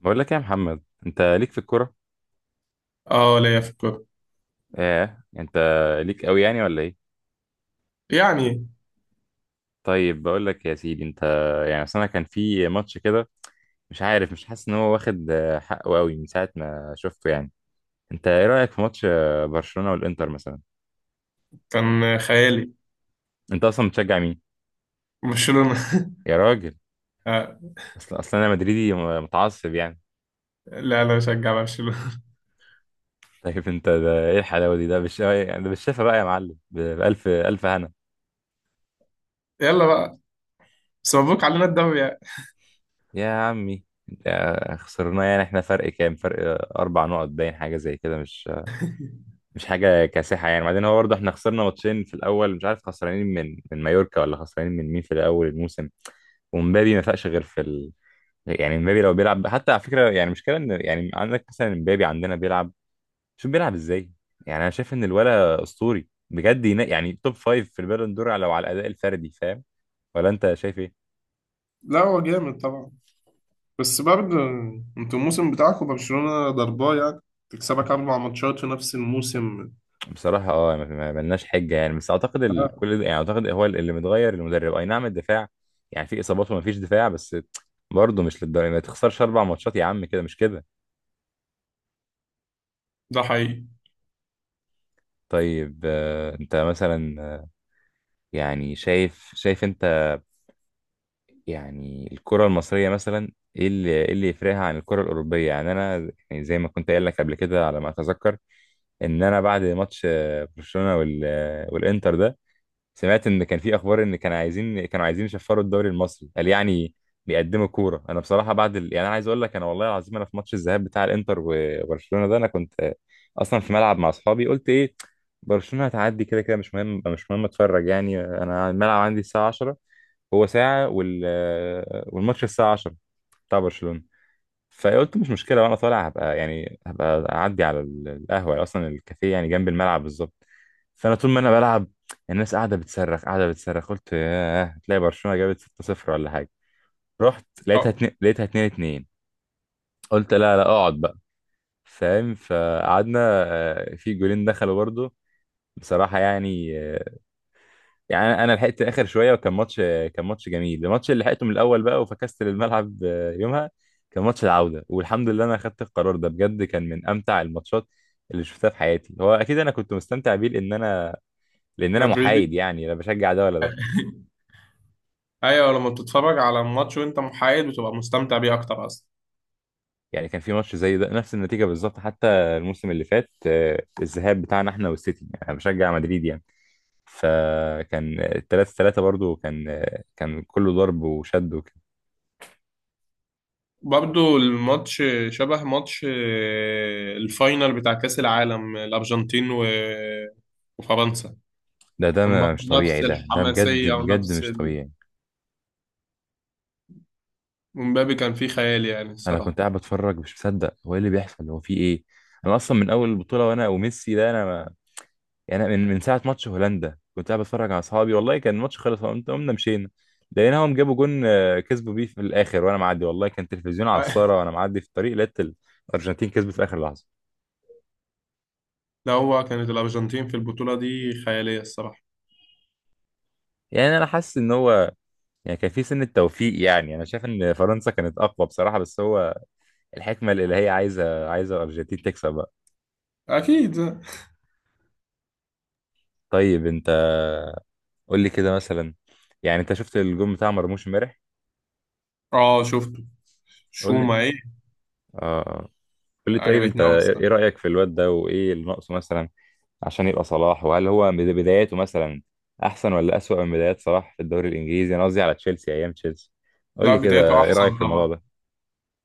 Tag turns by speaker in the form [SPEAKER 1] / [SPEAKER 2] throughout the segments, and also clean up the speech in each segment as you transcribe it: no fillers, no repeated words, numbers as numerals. [SPEAKER 1] بقول لك إيه يا محمد، انت ليك في الكوره؟
[SPEAKER 2] اه، ليا في الكورة.
[SPEAKER 1] ايه، انت ليك قوي يعني ولا ايه؟
[SPEAKER 2] يعني
[SPEAKER 1] طيب بقول لك يا سيدي انت، يعني اصل انا كان في ماتش كده، مش عارف، مش حاسس ان هو واخد حقه قوي من ساعه ما شفته يعني. انت ايه رايك في ماتش برشلونه والانتر مثلا؟
[SPEAKER 2] كان خيالي.
[SPEAKER 1] انت اصلا بتشجع مين؟
[SPEAKER 2] برشلونة.
[SPEAKER 1] يا راجل.
[SPEAKER 2] آه،
[SPEAKER 1] اصلا انا مدريدي متعصب يعني.
[SPEAKER 2] لا لا بشجع برشلونة.
[SPEAKER 1] طيب انت ده ايه الحلاوه دي؟ ده يعني ده بالشفا بقى يا معلم، بالف الف هنا.
[SPEAKER 2] يلا بقى. بس مبروك علينا الدوري يعني.
[SPEAKER 1] يا عمي. خسرناه يعني، احنا فرق كام فرق؟ 4 نقط، باين حاجه زي كده، مش حاجه كاسحه يعني. بعدين هو برضه احنا خسرنا ماتشين في الاول، مش عارف خسرانين من مايوركا ولا خسرانين من مين في الاول الموسم. ومبابي ما فاقش غير في يعني مبابي لو بيلعب، حتى على فكره يعني، مشكله ان يعني عندك مثلا مبابي عندنا بيلعب. شوف بيلعب ازاي. يعني انا شايف ان الولا اسطوري بجد، يعني توب فايف في البالون دور لو على الاداء الفردي، فاهم؟ ولا انت شايف ايه؟
[SPEAKER 2] لا هو جامد طبعا. بس برضه انتوا الموسم بتاعكم برشلونة ضرباه يعني. تكسبك 4 ماتشات في نفس الموسم.
[SPEAKER 1] بصراحة اه، ما ملناش حجة يعني، بس اعتقد
[SPEAKER 2] آه،
[SPEAKER 1] كل ده، يعني اعتقد هو اللي متغير، المدرب اي نعم، الدفاع يعني، في اصابات وما فيش دفاع، بس برضه مش للدرجة ما تخسرش 4 ماتشات يا عم، كده مش كده.
[SPEAKER 2] ده حقيقي.
[SPEAKER 1] طيب انت مثلا يعني شايف انت، يعني الكرة المصرية مثلا، ايه اللي يفرقها عن الكرة الأوروبية؟ يعني انا يعني زي ما كنت قايل لك قبل كده على ما اتذكر، ان انا بعد ماتش برشلونة والانتر ده، سمعت ان كان في اخبار ان كانوا عايزين كانوا عايزين يشفروا الدوري المصري قال يعني. بيقدموا كوره. انا بصراحه بعد يعني انا عايز اقول لك، انا والله العظيم انا في ماتش الذهاب بتاع الانتر وبرشلونه ده، انا كنت اصلا في ملعب مع اصحابي، قلت ايه، برشلونه هتعدي كده كده، مش مهم، مش مهم، اتفرج يعني، انا الملعب عندي الساعه 10، هو ساعه والماتش الساعه 10 بتاع برشلونه. فقلت مش مشكله، وانا طالع هبقى، يعني هبقى اعدي على القهوه، اصلا الكافيه يعني جنب الملعب بالظبط. فانا طول ما انا بلعب، الناس قاعده بتصرخ قاعده بتصرخ، قلت ياه تلاقي برشلونه جابت 6-0 ولا حاجه. رحت لقيتها
[SPEAKER 2] اه،
[SPEAKER 1] اتنين، لقيتها 2-2. قلت لا لا اقعد بقى، فاهم، فقعدنا. في جولين دخلوا برضه، بصراحه يعني. يعني انا لحقت اخر شويه، وكان ماتش، كان ماتش جميل، الماتش اللي لحقته من الاول بقى، وفكست للملعب يومها، كان ماتش العوده، والحمد لله انا اخدت القرار ده بجد، كان من امتع الماتشات اللي شفتها في حياتي، هو اكيد انا كنت مستمتع بيه لان انا، لان انا
[SPEAKER 2] مدريدي.
[SPEAKER 1] محايد يعني، لا بشجع ده ولا ده.
[SPEAKER 2] ايوه، لما بتتفرج على الماتش وانت محايد بتبقى مستمتع بيه اكتر اصلا.
[SPEAKER 1] يعني كان في ماتش زي ده نفس النتيجه بالظبط، حتى الموسم اللي فات الذهاب بتاعنا، احنا والسيتي، يعني انا بشجع مدريد يعني، فكان 3-3 برضو، كان كان كله ضرب وشد وكده.
[SPEAKER 2] برضو الماتش شبه ماتش الفاينل بتاع كأس العالم، الأرجنتين و- وفرنسا.
[SPEAKER 1] ده ده
[SPEAKER 2] كان برضو
[SPEAKER 1] مش طبيعي،
[SPEAKER 2] نفس
[SPEAKER 1] ده ده بجد
[SPEAKER 2] الحماسية
[SPEAKER 1] بجد
[SPEAKER 2] ونفس
[SPEAKER 1] مش
[SPEAKER 2] ال...
[SPEAKER 1] طبيعي.
[SPEAKER 2] ومبابي كان فيه خيال يعني
[SPEAKER 1] انا كنت
[SPEAKER 2] الصراحة.
[SPEAKER 1] قاعد بتفرج مش مصدق، هو ايه اللي بيحصل، هو في ايه. انا اصلا من اول البطوله وانا وميسي ده، انا ما... يعني أنا من ساعه ماتش هولندا كنت قاعد بتفرج على اصحابي، والله كان الماتش خلص، قمت قمنا مشينا، لقيناهم جابوا جون كسبوا بيه في الاخر، وانا معدي، والله كان تلفزيون على الساره وانا معدي في الطريق، لقيت الارجنتين كسبت في اخر لحظه.
[SPEAKER 2] لا، هو كانت الأرجنتين في البطولة دي خيالية الصراحة.
[SPEAKER 1] يعني انا حاسس ان هو يعني كان في سن التوفيق، يعني انا شايف ان فرنسا كانت اقوى بصراحه، بس هو الحكمه الالهيه عايزه الارجنتين تكسب بقى.
[SPEAKER 2] أكيد.
[SPEAKER 1] طيب انت، قول لي كده مثلا، يعني انت شفت الجون بتاع مرموش امبارح؟
[SPEAKER 2] اه، شفته.
[SPEAKER 1] قول لي
[SPEAKER 2] شوما ايه؟
[SPEAKER 1] اه. قول لي، طيب انت
[SPEAKER 2] عجبتني أوي
[SPEAKER 1] ايه إيه
[SPEAKER 2] الصراحة.
[SPEAKER 1] رأيك في الواد ده، وايه اللي ناقصه مثلا عشان يبقى صلاح؟ وهل هو بداياته مثلا احسن ولا أسوأ من بدايات صلاح في الدوري الانجليزي؟ انا قصدي على تشيلسي، ايام تشيلسي. قول
[SPEAKER 2] لا،
[SPEAKER 1] لي
[SPEAKER 2] بدايته
[SPEAKER 1] كده ايه
[SPEAKER 2] أحسن
[SPEAKER 1] رأيك في الموضوع
[SPEAKER 2] طبعا.
[SPEAKER 1] ده.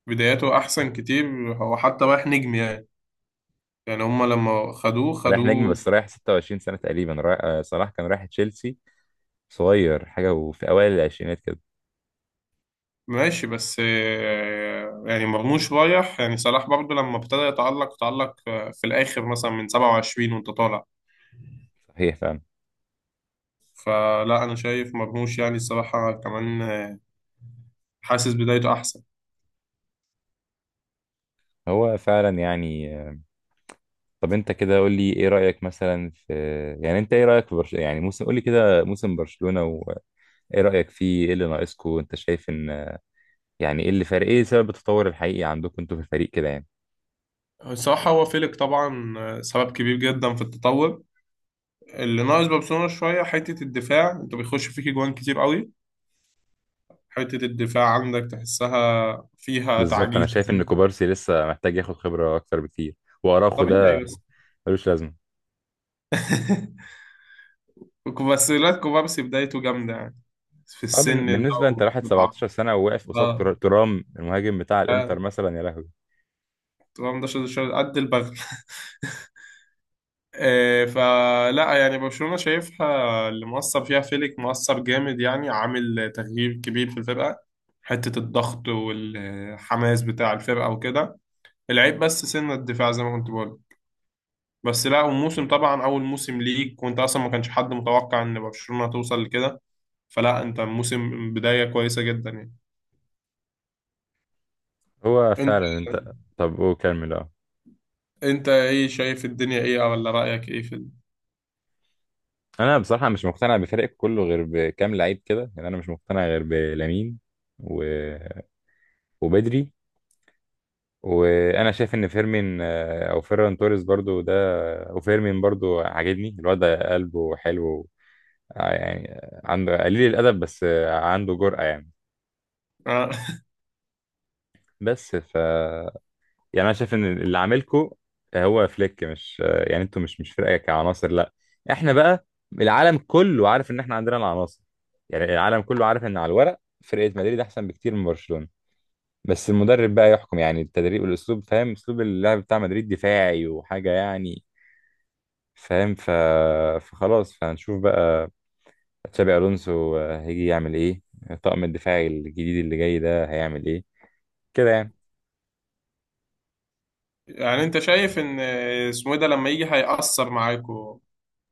[SPEAKER 2] بدايته أحسن كتير. هو حتى رايح نجم يعني. يعني هما لما خدوه
[SPEAKER 1] رايح نجم،
[SPEAKER 2] خدوه.
[SPEAKER 1] بس رايح 26 سنة تقريبا، رايح صلاح كان رايح تشيلسي صغير حاجة، وفي اوائل العشرينات كده.
[SPEAKER 2] ماشي، بس يعني مرموش رايح، يعني صلاح برضو لما ابتدى يتألق تألق في الآخر مثلا من 27 وأنت طالع.
[SPEAKER 1] صحيح فعلا.
[SPEAKER 2] فلا أنا شايف مرموش، يعني الصراحة كمان حاسس بدايته أحسن.
[SPEAKER 1] هو فعلا يعني طب انت كده قول لي ايه رأيك مثلا في، يعني انت ايه رأيك في برشلونة، يعني موسم، قول لي كده موسم برشلونة، ايه رأيك فيه، ايه اللي ناقصكم؟ انت شايف ان يعني ايه اللي فارق، ايه سبب التطور الحقيقي عندكم انتوا في الفريق كده يعني.
[SPEAKER 2] الصراحة هو فيليك طبعا، سبب كبير جدا في التطور. اللي ناقص برشلونة شوية حتة الدفاع، أنت بيخش فيك جوان كتير قوي. حتة الدفاع عندك تحسها فيها
[SPEAKER 1] بالظبط، انا
[SPEAKER 2] تعجيز بس.
[SPEAKER 1] شايف ان كوبارسي لسه محتاج ياخد خبرة اكتر بكتير. واراخو ده
[SPEAKER 2] طبيعي بس.
[SPEAKER 1] ملوش لازمه.
[SPEAKER 2] وكوفاسيلاتكو بقى، بس لا كوبارسي بدايته جامدة يعني في
[SPEAKER 1] اه
[SPEAKER 2] السن ده.
[SPEAKER 1] بالنسبة انت راحت
[SPEAKER 2] والعقل.
[SPEAKER 1] 17 سنة وواقف قصاد
[SPEAKER 2] اه.
[SPEAKER 1] ترام المهاجم بتاع الانتر
[SPEAKER 2] آه.
[SPEAKER 1] مثلا، يا لهوي.
[SPEAKER 2] تمام. ده قد البغل. فلا يعني برشلونة شايفها، اللي مؤثر فيها فيليك، مؤثر جامد يعني، عامل تغيير كبير في الفرقة. حتة الضغط والحماس بتاع الفرقة وكده. العيب بس سن الدفاع زي ما كنت بقول. بس لا، وموسم
[SPEAKER 1] مم.
[SPEAKER 2] طبعا أول موسم ليك وأنت أصلا ما كانش حد متوقع إن برشلونة توصل لكده. فلا أنت موسم بداية كويسة جدا يعني.
[SPEAKER 1] هو
[SPEAKER 2] أنت
[SPEAKER 1] فعلا انت. طب وكمل اه.
[SPEAKER 2] انت ايه شايف، الدنيا ايه، ولا رأيك ايه؟
[SPEAKER 1] انا بصراحة مش مقتنع بفريق كله غير بكام لعيب كده، يعني انا مش مقتنع غير بلامين و... وبدري، وانا شايف ان فيرمين او فيران توريس برضو ده. وفيرمين برضو عاجبني الواد ده، قلبه حلو، يعني عنده قليل الادب، بس عنده جرأة يعني.
[SPEAKER 2] آه.
[SPEAKER 1] بس ف، يعني انا شايف ان اللي عاملكو هو فليك، مش يعني انتوا مش فرقة كعناصر، لا. احنا بقى، العالم كله عارف ان احنا عندنا العناصر. يعني العالم كله عارف ان على الورق فرقة مدريد احسن بكتير من برشلونة، بس المدرب بقى يحكم يعني، التدريب والاسلوب، فاهم؟ اسلوب اللعب بتاع مدريد دفاعي وحاجه يعني، فاهم؟ فخلاص، فهنشوف بقى تشابي الونسو هيجي يعمل ايه، الطاقم الدفاعي الجديد اللي جاي ده هيعمل ايه، كده يعني.
[SPEAKER 2] يعني انت شايف ان اسمه إيه ده لما يجي هيأثر معاكوا،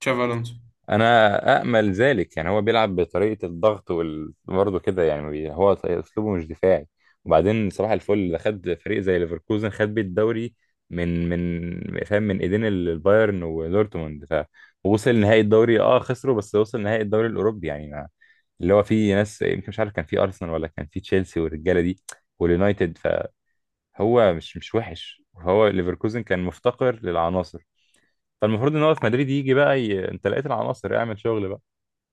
[SPEAKER 2] تشافي الونسو.
[SPEAKER 1] انا امل ذلك يعني. هو بيلعب بطريقه الضغط برضه كده يعني، هو اسلوبه مش دفاعي. وبعدين صباح الفل ده خد فريق زي ليفركوزن، خد بيه الدوري من فاهم، من ايدين البايرن ودورتموند ف، ووصل نهائي الدوري، اه خسروا بس وصل نهائي الدوري الاوروبي يعني ما... اللي هو فيه ناس، يمكن مش عارف، كان فيه ارسنال ولا كان فيه تشيلسي والرجاله دي واليونايتد. فهو مش وحش، هو ليفركوزن كان مفتقر للعناصر. فالمفروض ان هو في مدريد يجي بقى انت لقيت العناصر، اعمل شغل بقى.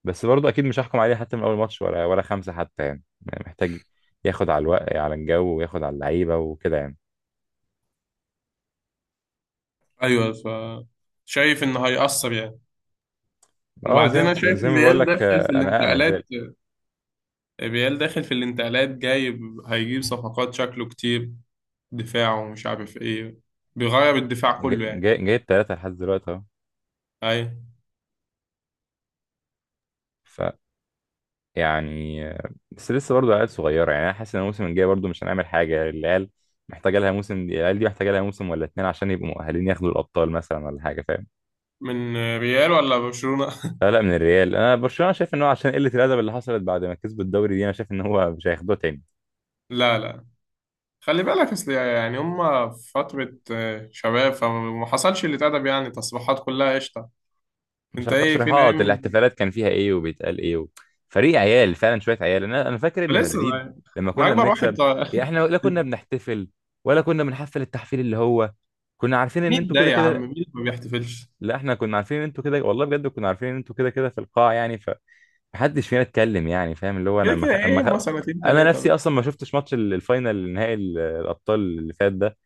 [SPEAKER 1] بس برضه اكيد مش هحكم عليه حتى من اول ماتش، ولا خمسه حتى يعني. يعني محتاج ياخد على الوقت، على الجو، وياخد على اللعيبه وكده يعني.
[SPEAKER 2] ايوه. شايف انه هيأثر يعني.
[SPEAKER 1] اه
[SPEAKER 2] وبعدين
[SPEAKER 1] زي
[SPEAKER 2] انا شايف
[SPEAKER 1] زي ما بقول
[SPEAKER 2] ريال
[SPEAKER 1] لك،
[SPEAKER 2] داخل في
[SPEAKER 1] انا امل
[SPEAKER 2] الانتقالات
[SPEAKER 1] ذلك.
[SPEAKER 2] ريال داخل في الانتقالات جايب. هيجيب صفقات شكله كتير، دفاعه ومش عارف ايه. بيغير الدفاع كله يعني.
[SPEAKER 1] جايب ثلاثه لحد دلوقتي اهو.
[SPEAKER 2] ايوه.
[SPEAKER 1] ف، يعني بس لسه برضه عيال صغيره، يعني انا حاسس ان الموسم الجاي برضه مش هنعمل حاجه. العيال محتاجه لها موسم، العيال دي محتاجه لها موسم ولا اتنين عشان يبقوا مؤهلين ياخدوا الابطال مثلا ولا حاجه، فاهم؟
[SPEAKER 2] من ريال ولا برشلونة؟
[SPEAKER 1] لا لا، من الريال. انا برشلونه شايف ان هو عشان قله الادب اللي حصلت بعد ما كسبوا الدوري دي، انا شايف ان هو مش هياخدوه تاني.
[SPEAKER 2] لا لا. خلي بالك، اصل يعني هما في فترة شباب، فما حصلش اللي اتأدب يعني، تصريحات كلها قشطة.
[SPEAKER 1] مش
[SPEAKER 2] انت
[SPEAKER 1] على
[SPEAKER 2] ايه، فينا
[SPEAKER 1] التصريحات،
[SPEAKER 2] ايه؟
[SPEAKER 1] الاحتفالات كان فيها ايه وبيتقال ايه و... فريق عيال فعلا، شويه عيال. انا فاكر ان
[SPEAKER 2] لسه
[SPEAKER 1] مدريد
[SPEAKER 2] صغير.
[SPEAKER 1] لما
[SPEAKER 2] ما
[SPEAKER 1] كنا
[SPEAKER 2] اكبر واحد
[SPEAKER 1] بنكسب، يعني
[SPEAKER 2] طا-
[SPEAKER 1] احنا لا كنا بنحتفل ولا كنا بنحفل التحفيل اللي هو، كنا عارفين ان
[SPEAKER 2] مين
[SPEAKER 1] انتوا
[SPEAKER 2] ده
[SPEAKER 1] كده
[SPEAKER 2] يا عم؟
[SPEAKER 1] كده.
[SPEAKER 2] مين ما بيحتفلش؟
[SPEAKER 1] لا احنا كنا عارفين ان انتوا كده، والله بجد كنا عارفين ان انتوا كده كده في القاع يعني، فمحدش فينا اتكلم يعني، فاهم، اللي هو
[SPEAKER 2] كده
[SPEAKER 1] انا
[SPEAKER 2] كده ايه، هما سنتين
[SPEAKER 1] انا
[SPEAKER 2] تلاتة
[SPEAKER 1] نفسي
[SPEAKER 2] بس.
[SPEAKER 1] اصلا ما شفتش ماتش الفاينل، نهائي الابطال اللي فات ده،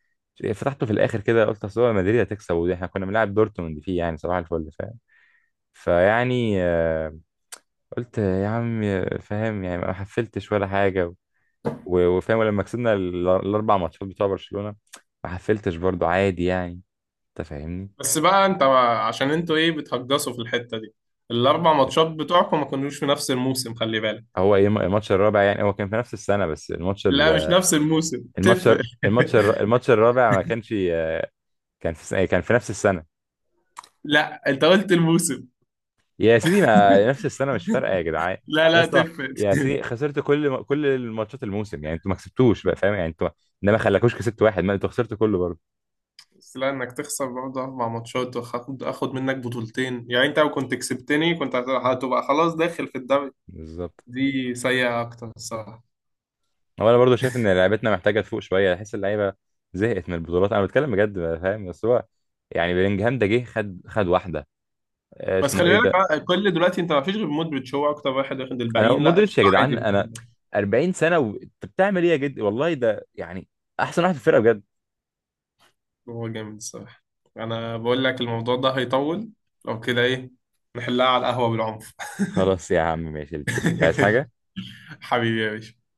[SPEAKER 1] فتحته في الاخر كده، قلت اصل هو مدريد هتكسب، ودي احنا كنا بنلعب دورتموند فيه يعني، صباح الفل فاهم. فيعني قلت يا عم. فاهم، يعني ما حفلتش ولا حاجة. وفاهم، ولما كسبنا ال4 ماتشات بتوع برشلونة ما حفلتش برضو، عادي يعني. أنت فاهمني.
[SPEAKER 2] بس بقى انت، عشان انتوا ايه بتهجصوا في الحتة دي؟ الاربع ماتشات بتوعكم ما كانوش في نفس الموسم، خلي بالك.
[SPEAKER 1] هو إيه الماتش الرابع يعني، هو كان في نفس السنة، بس الماتش
[SPEAKER 2] لا، مش نفس الموسم،
[SPEAKER 1] الماتش
[SPEAKER 2] تفرق.
[SPEAKER 1] الرابع ما كانش كان في سنة، كان في نفس السنة.
[SPEAKER 2] لا، انت قلت الموسم.
[SPEAKER 1] يا سيدي، ما نفس السنة مش فارقة يا جدعان.
[SPEAKER 2] لا
[SPEAKER 1] يا
[SPEAKER 2] لا،
[SPEAKER 1] اسطى،
[SPEAKER 2] تفرق.
[SPEAKER 1] يا سيدي خسرت كل الماتشات الموسم يعني انتوا ما كسبتوش بقى، فاهم، يعني انتوا ده ما خلاكوش كسبت واحد، ما انتوا خسرتوا كله برضه.
[SPEAKER 2] بس لا، انك تخسر برضه 4 ماتشات، واخد اخد منك بطولتين، يعني انت لو كنت كسبتني كنت هتبقى خلاص داخل في الدوري.
[SPEAKER 1] بالظبط.
[SPEAKER 2] دي سيئة اكتر الصراحة.
[SPEAKER 1] هو انا برضو شايف ان لعبتنا محتاجه تفوق شويه، احس اللعيبه زهقت من البطولات، انا بتكلم بجد بقى، فاهم؟ بس هو يعني بلينجهام ده جه خد واحده
[SPEAKER 2] بس
[SPEAKER 1] اسمه
[SPEAKER 2] خلي
[SPEAKER 1] ايه
[SPEAKER 2] بالك
[SPEAKER 1] ده.
[SPEAKER 2] بقى، كل دلوقتي انت ما فيش غير مودريتش، هو اكتر واحد واخد،
[SPEAKER 1] انا
[SPEAKER 2] الباقيين لا،
[SPEAKER 1] مودريتش
[SPEAKER 2] قشطة
[SPEAKER 1] يا
[SPEAKER 2] عادي
[SPEAKER 1] جدعان،
[SPEAKER 2] في
[SPEAKER 1] انا
[SPEAKER 2] الدنيا.
[SPEAKER 1] 40 سنه وانت بتعمل ايه يا جد، والله ده يعني احسن واحد في الفرقه بجد.
[SPEAKER 2] هو جامد الصراحة. انا بقول لك الموضوع ده هيطول. لو كده، ايه نحلها على القهوة بالعنف.
[SPEAKER 1] خلاص يا عم، ماشي اللي تشوف، انت عايز حاجه.
[SPEAKER 2] حبيبي يا باشا.